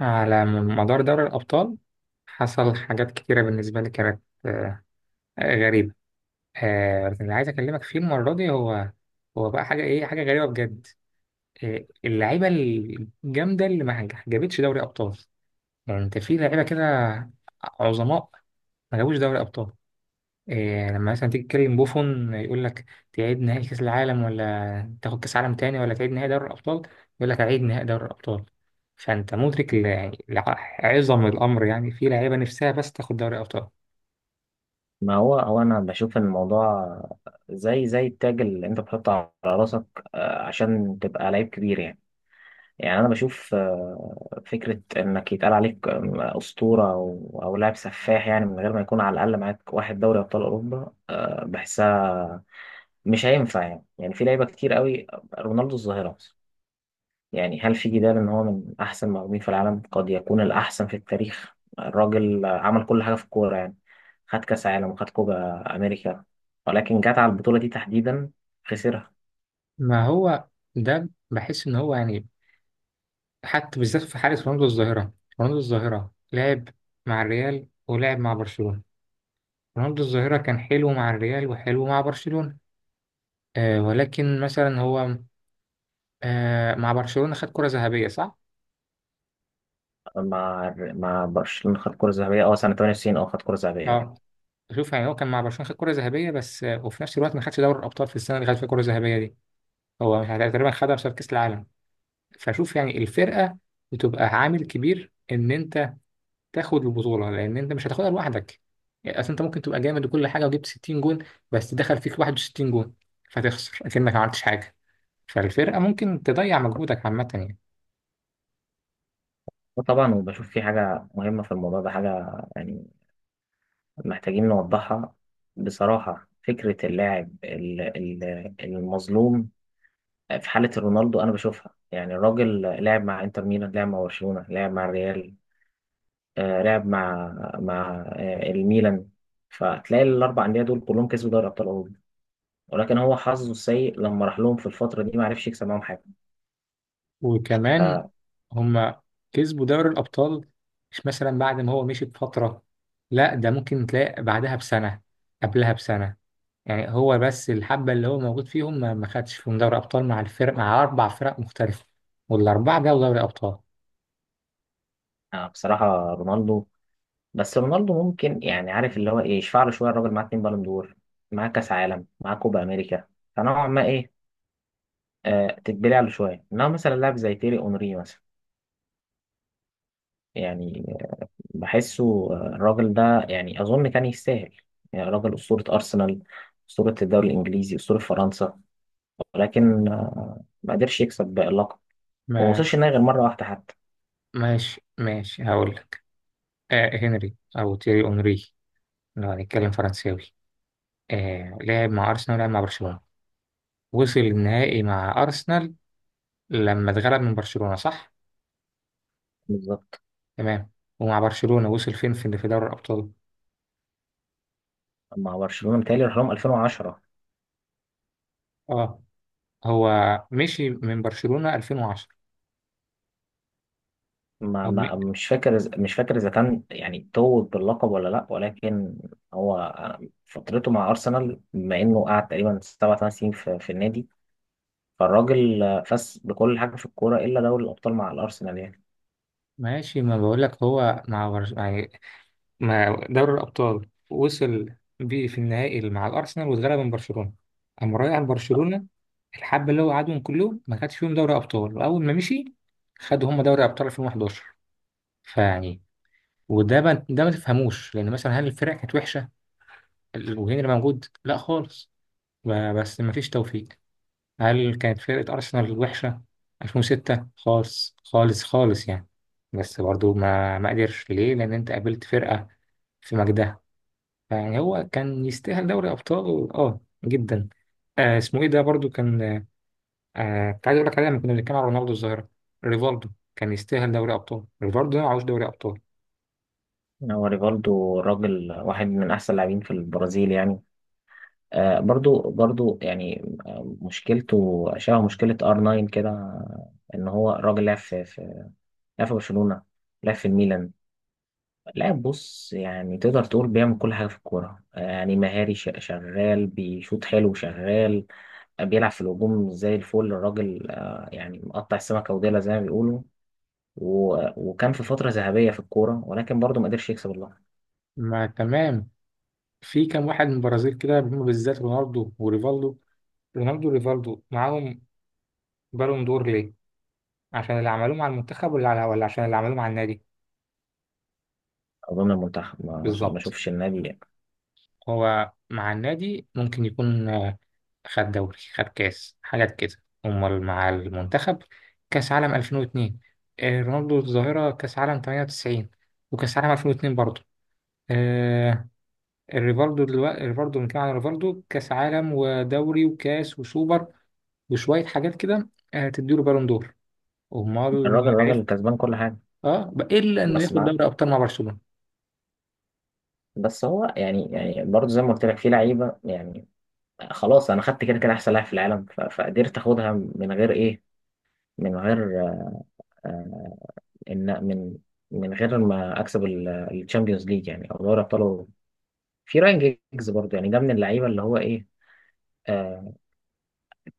على مدار دوري الأبطال حصل حاجات كتيرة بالنسبة لي كانت غريبة. اللي عايز أكلمك فيه المرة دي هو هو بقى حاجة إيه، حاجة غريبة بجد. اللعيبة الجامدة اللي ما جابتش دوري أبطال، يعني أنت في لعيبة كده عظماء ما جابوش دوري أبطال. إيه لما مثلا تيجي تكلم بوفون يقول لك تعيد نهائي كأس العالم، ولا تاخد كأس عالم تاني، ولا تعيد نهائي دوري الأبطال؟ يقول لك أعيد نهائي دوري الأبطال. فأنت مدرك يعني لعظم الأمر، يعني في لعيبة نفسها بس تاخد دوري أبطال. ما هو انا بشوف ان الموضوع زي التاج اللي انت بتحطه على راسك، عشان تبقى لعيب كبير يعني. يعني انا بشوف فكره انك يتقال عليك اسطوره او لاعب سفاح، يعني من غير ما يكون على الاقل معاك واحد دوري ابطال اوروبا، بحسها مش هينفع يعني في لعيبه كتير قوي. رونالدو الظاهره، يعني هل في جدال ان هو من احسن مهاجمين في العالم؟ قد يكون الاحسن في التاريخ. الراجل عمل كل حاجه في الكوره يعني، خد كاس عالم وخد كوبا امريكا، ولكن جت على البطوله دي تحديدا خسرها. ما هو ده، بحس إن هو يعني حتى بالذات في حالة رونالدو الظاهرة. رونالدو الظاهرة لعب مع الريال ولعب مع برشلونة. رونالدو الظاهرة كان حلو مع الريال وحلو مع برشلونة، ولكن مثلا هو مع برشلونة خد كرة ذهبية، صح؟ مع برشلونه خد كره ذهبيه، سنه 98، خد كره ذهبيه اه، شوف يعني هو كان مع برشلونة خد كرة ذهبية بس، وفي نفس الوقت ما خدش دوري الأبطال في السنة اللي خد فيها كرة ذهبية دي. هو تقريبا خدها بسبب كأس العالم. فشوف يعني الفرقة بتبقى عامل كبير إن أنت تاخد البطولة، لأن أنت مش هتاخدها لوحدك. يعني أصل أنت ممكن تبقى جامد وكل حاجة وجبت 60 جون، بس دخل فيك 61 جون، فتخسر أكنك ما عملتش حاجة. فالفرقة ممكن تضيع مجهودك عامة يعني. وطبعا وبشوف في حاجه مهمه في الموضوع ده، حاجه يعني محتاجين نوضحها. بصراحه فكره اللاعب المظلوم في حالة رونالدو أنا بشوفها. يعني الراجل لعب مع إنتر ميلان، لعب مع برشلونة، لعب مع الريال، لعب مع الميلان. فتلاقي الأربع أندية دول كلهم كسبوا دوري أبطال أوروبا، ولكن هو حظه السيء لما راح لهم في الفترة دي ما عرفش يكسب معاهم حاجة. وكمان هما كسبوا دوري الأبطال مش مثلا بعد ما هو مشي بفترة، لا، ده ممكن تلاقي بعدها بسنة، قبلها بسنة. يعني هو بس الحبة اللي هو موجود فيهم ما خدش فيهم دوري أبطال، مع الفرق، مع أربع فرق مختلفة، والأربعة جابوا دوري أبطال. فبصراحة رونالدو، بس رونالدو ممكن يعني عارف اللي هو إيه، يشفع له شوية. الراجل معاه اتنين بالون دور، معاه كأس عالم، معاه كوبا أمريكا، فنوعا ما إيه، تتبلع له شوية. إنما مثلا لاعب زي تيري أونري مثلا، يعني بحسه، الراجل ده يعني أظن كان يستاهل. يعني راجل أسطورة أرسنال، أسطورة الدوري الإنجليزي، أسطورة فرنسا، ولكن ما قدرش يكسب بقى اللقب وما ما وصلش النهائي غير مرة واحدة حتى. ماشي ماشي، هقول لك. هنري أو تيري أونري، لو هنتكلم فرنساوي، لعب مع أرسنال ولعب مع برشلونة. وصل النهائي مع أرسنال لما اتغلب من برشلونة، صح؟ بالظبط. تمام. ومع برشلونة وصل فين، في دوري الأبطال؟ مع برشلونة متهيألي راح لهم 2010. اه، هو مشي من برشلونة 2010. ما أو م- ما مش فاكر إذا كان يعني توج باللقب ولا لأ، ولكن هو فترته مع أرسنال بما إنه قعد تقريبا سبع ثمان سنين في النادي، فالراجل فاز بكل حاجة في الكورة إلا دوري الأبطال مع الأرسنال يعني. ماشي، ما بقول لك، هو يعني مع دوري الأبطال وصل بيه في النهائي مع الأرسنال واتغلب من برشلونة. أما رايح برشلونة، الحبة اللي هو قعدهم كلهم ما خدش فيهم دوري أبطال، وأول ما مشي خدوا هم دوري أبطال 2011. فيعني، وده ما... ده ما تفهموش، لأن مثلا هل الفرق كانت وحشة وهنري موجود؟ لا خالص. بس ما فيش توفيق. هل كانت فرقة أرسنال وحشة 2006؟ خالص خالص خالص يعني، بس برضو ما قدرش، ليه؟ لأن أنت قابلت فرقة في مجدها. يعني هو كان يستاهل دوري أبطال جدا. اسمه إيه ده برضو، كان كنت عايز أقول لك عليه لما كنا بنتكلم على رونالدو الظاهرة، ريفالدو. كان يستاهل دوري أبطال ريفالدو، ده معهوش دوري أبطال. هو ريفالدو راجل واحد من احسن اللاعبين في البرازيل يعني. آه برضو برضو يعني، مشكلته شبه مشكله ار 9 كده، ان هو راجل لعب في لعب في برشلونه، لعب في الميلان. لاعب بص، يعني تقدر تقول بيعمل كل حاجه في الكوره، يعني مهاري، شغال، بيشوط حلو، شغال، بيلعب في الهجوم زي الفل الراجل. يعني مقطع السمكه وديلها زي ما بيقولوا. وكان في فتره ذهبيه في الكوره، ولكن برضو ما قدرش يكسب اللقب. ما تمام. في كام واحد من البرازيل كده هم بالذات رونالدو وريفالدو. رونالدو وريفالدو معاهم بالون دور ليه؟ عشان اللي عملوه مع المنتخب ولا ولا عشان اللي عملوه مع النادي؟ اظن المنتخب، ما بالظبط. اشوفش النادي يعني. هو مع النادي ممكن يكون خد دوري، خد كاس، حاجات كده. امال مع المنتخب، كاس عالم 2002. رونالدو الظاهرة كاس عالم 98 وكاس عالم 2002 برضه. آه، الريفالدو، دلوقتي الريفالدو بنتكلم عن الريفالدو، كاس عالم ودوري وكاس وسوبر وشوية حاجات كده، تديله بالون دور. امال الراجل ما الراجل عرفت؟ كسبان كل حاجه. اه، بقى الا انه بس ياخد مع دوري ابطال مع برشلونة. بس هو يعني برضه زي ما قلت لك في لعيبه يعني خلاص. انا خدت كده كده احسن لاعب في العالم، فقدرت اخدها من غير ايه، من غير آه، ان من من غير ما اكسب الشامبيونز ليج يعني او دوري ابطال أوروبا. في راين جيجز برضه يعني، ده من اللعيبه اللي هو ايه، آه،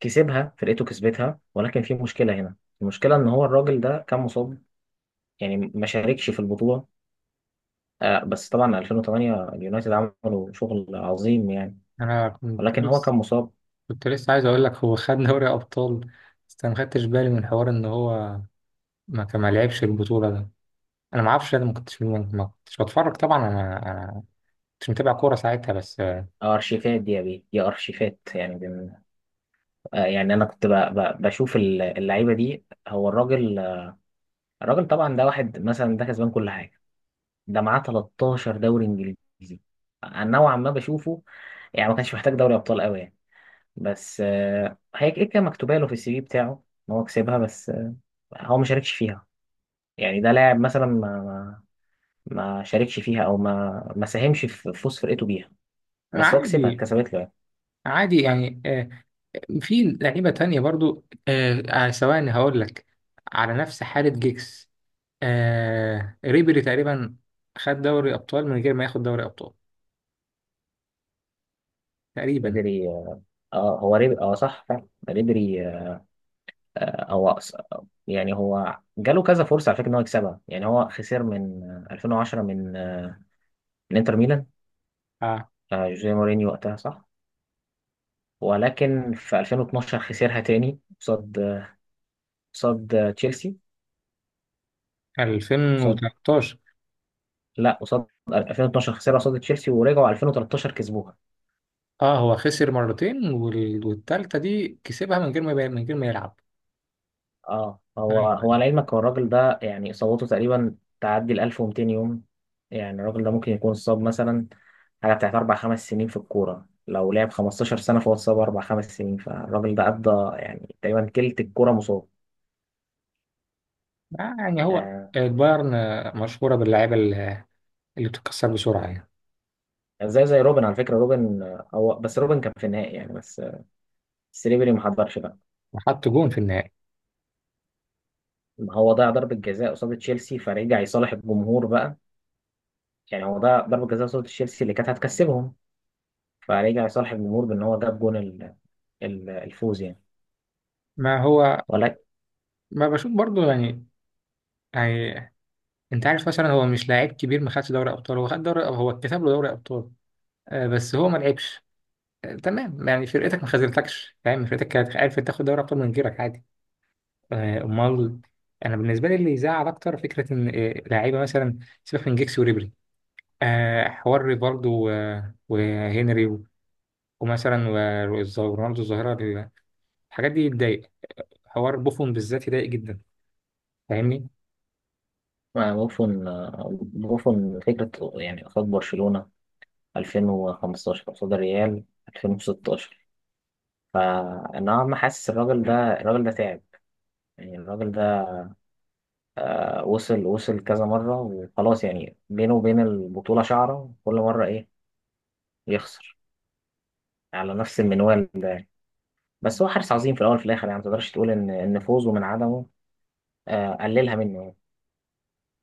كسبها. فرقته كسبتها، ولكن في مشكله هنا. المشكله ان هو الراجل ده كان مصاب، يعني ما شاركش في البطوله. بس طبعا 2008 اليونايتد عملوا شغل عظيم يعني، انا كنت ولكن هو لسه كان مصاب. كنت لسه عايز اقول لك هو خد دوري ابطال، بس انا ما خدتش بالي من حوار ان هو ما لعبش البطوله ده. انا ما اعرفش، انا ما كنتش بتفرج طبعا. انا كنتش متابع كوره ساعتها بس، ارشيفات دي يا بيه، دي ارشيفات يعني يعني انا كنت بشوف اللعيبه دي. هو الراجل الراجل طبعا ده واحد مثلا، ده كسبان كل حاجه. ده معاه 13 دوري انجليزي. أنا نوعا ما بشوفه يعني ما كانش محتاج دوري ابطال قوي يعني، بس هي كده كده مكتوبه له في السي في بتاعه ان هو كسبها، بس هو ما شاركش فيها. يعني ده لاعب مثلا ما شاركش فيها، او ما ساهمش في فوز فرقته بيها. بس هو كسبها، عادي اتكسبت له يعني. عادي يعني، في لعيبه تانية برضو، ثواني هقول لك، على نفس حاله جيكس، ريبيري تقريبا خد دوري ابطال من غير ما ياخد دوري ابطال تقريبا، قدر ي- اه هو رب... اه صح فعلا، قدر ي- آه هو أص- يعني هو جاله كذا فرصه على فكره ان هو يكسبها. يعني هو خسر من 2010، من انتر ميلان، آه، جوزيه مورينيو وقتها صح، ولكن في 2012 خسرها تاني قصاد تشيلسي، قصاد، 2013. لا، قصاد 2012 خسرها قصاد تشيلسي ورجعوا 2013 كسبوها. اه، هو خسر مرتين، والتالتة دي كسبها من غير ما من غير ما يلعب. اه ايوه هو أيوة. لعلمك هو الراجل ده يعني إصابته تقريبا تعدي ال 1200 يوم. يعني الراجل ده ممكن يكون صاب مثلا حاجة بتاعت أربع خمس سنين في الكورة. لو لعب 15 سنة فهو اتصاب أربع خمس سنين، فالراجل ده قضى يعني تقريبا تلت الكورة مصاب. يعني هو آه، البايرن مشهورة باللعيبة اللي بتتكسر بسرعة يعني. زي روبن، على فكرة روبن هو، بس روبن كان في النهائي يعني، بس سليبري ما حضرش بقى. وحط جون في النهائي. هو ضيع ضربة جزاء قصاد تشيلسي فرجع يصالح الجمهور بقى. يعني هو ضيع ضربة جزاء قصاد تشيلسي اللي كانت هتكسبهم، فرجع يصالح الجمهور بان هو جاب جون الفوز يعني. ما هو، ولكن ما بشوف برضو يعني، يعني انت عارف مثلا هو مش لاعب كبير ما خدش دوري ابطال، هو خد دوري، هو اتكتب له دوري ابطال، بس هو ما لعبش. تمام يعني، فرقتك ما خذلتكش فاهم، فرقتك كانت عارفة تاخد دوري ابطال من غيرك عادي. امال، انا بالنسبة لي اللي يزعل اكتر فكرة ان لعيبة مثلا، سيبك من جيكس وريبري، حوار ريفالدو وهنري ومثلا ورونالدو الظاهرة، الحاجات دي بتضايق. حوار بوفون بالذات يضايق جدا. فاهمني؟ بوفون بوفون فكرة، يعني قصاد برشلونة 2015، قصاد الريال 2016. فنوعا ما حاسس الراجل ده، الراجل ده تعب. يعني الراجل ده وصل كذا مرة، وخلاص يعني بينه وبين البطولة شعرة. كل مرة إيه؟ يخسر على نفس المنوال ده يعني. بس هو حارس عظيم في الأول في الآخر، يعني ما تقدرش تقول إن فوزه من عدمه، قللها منه يعني.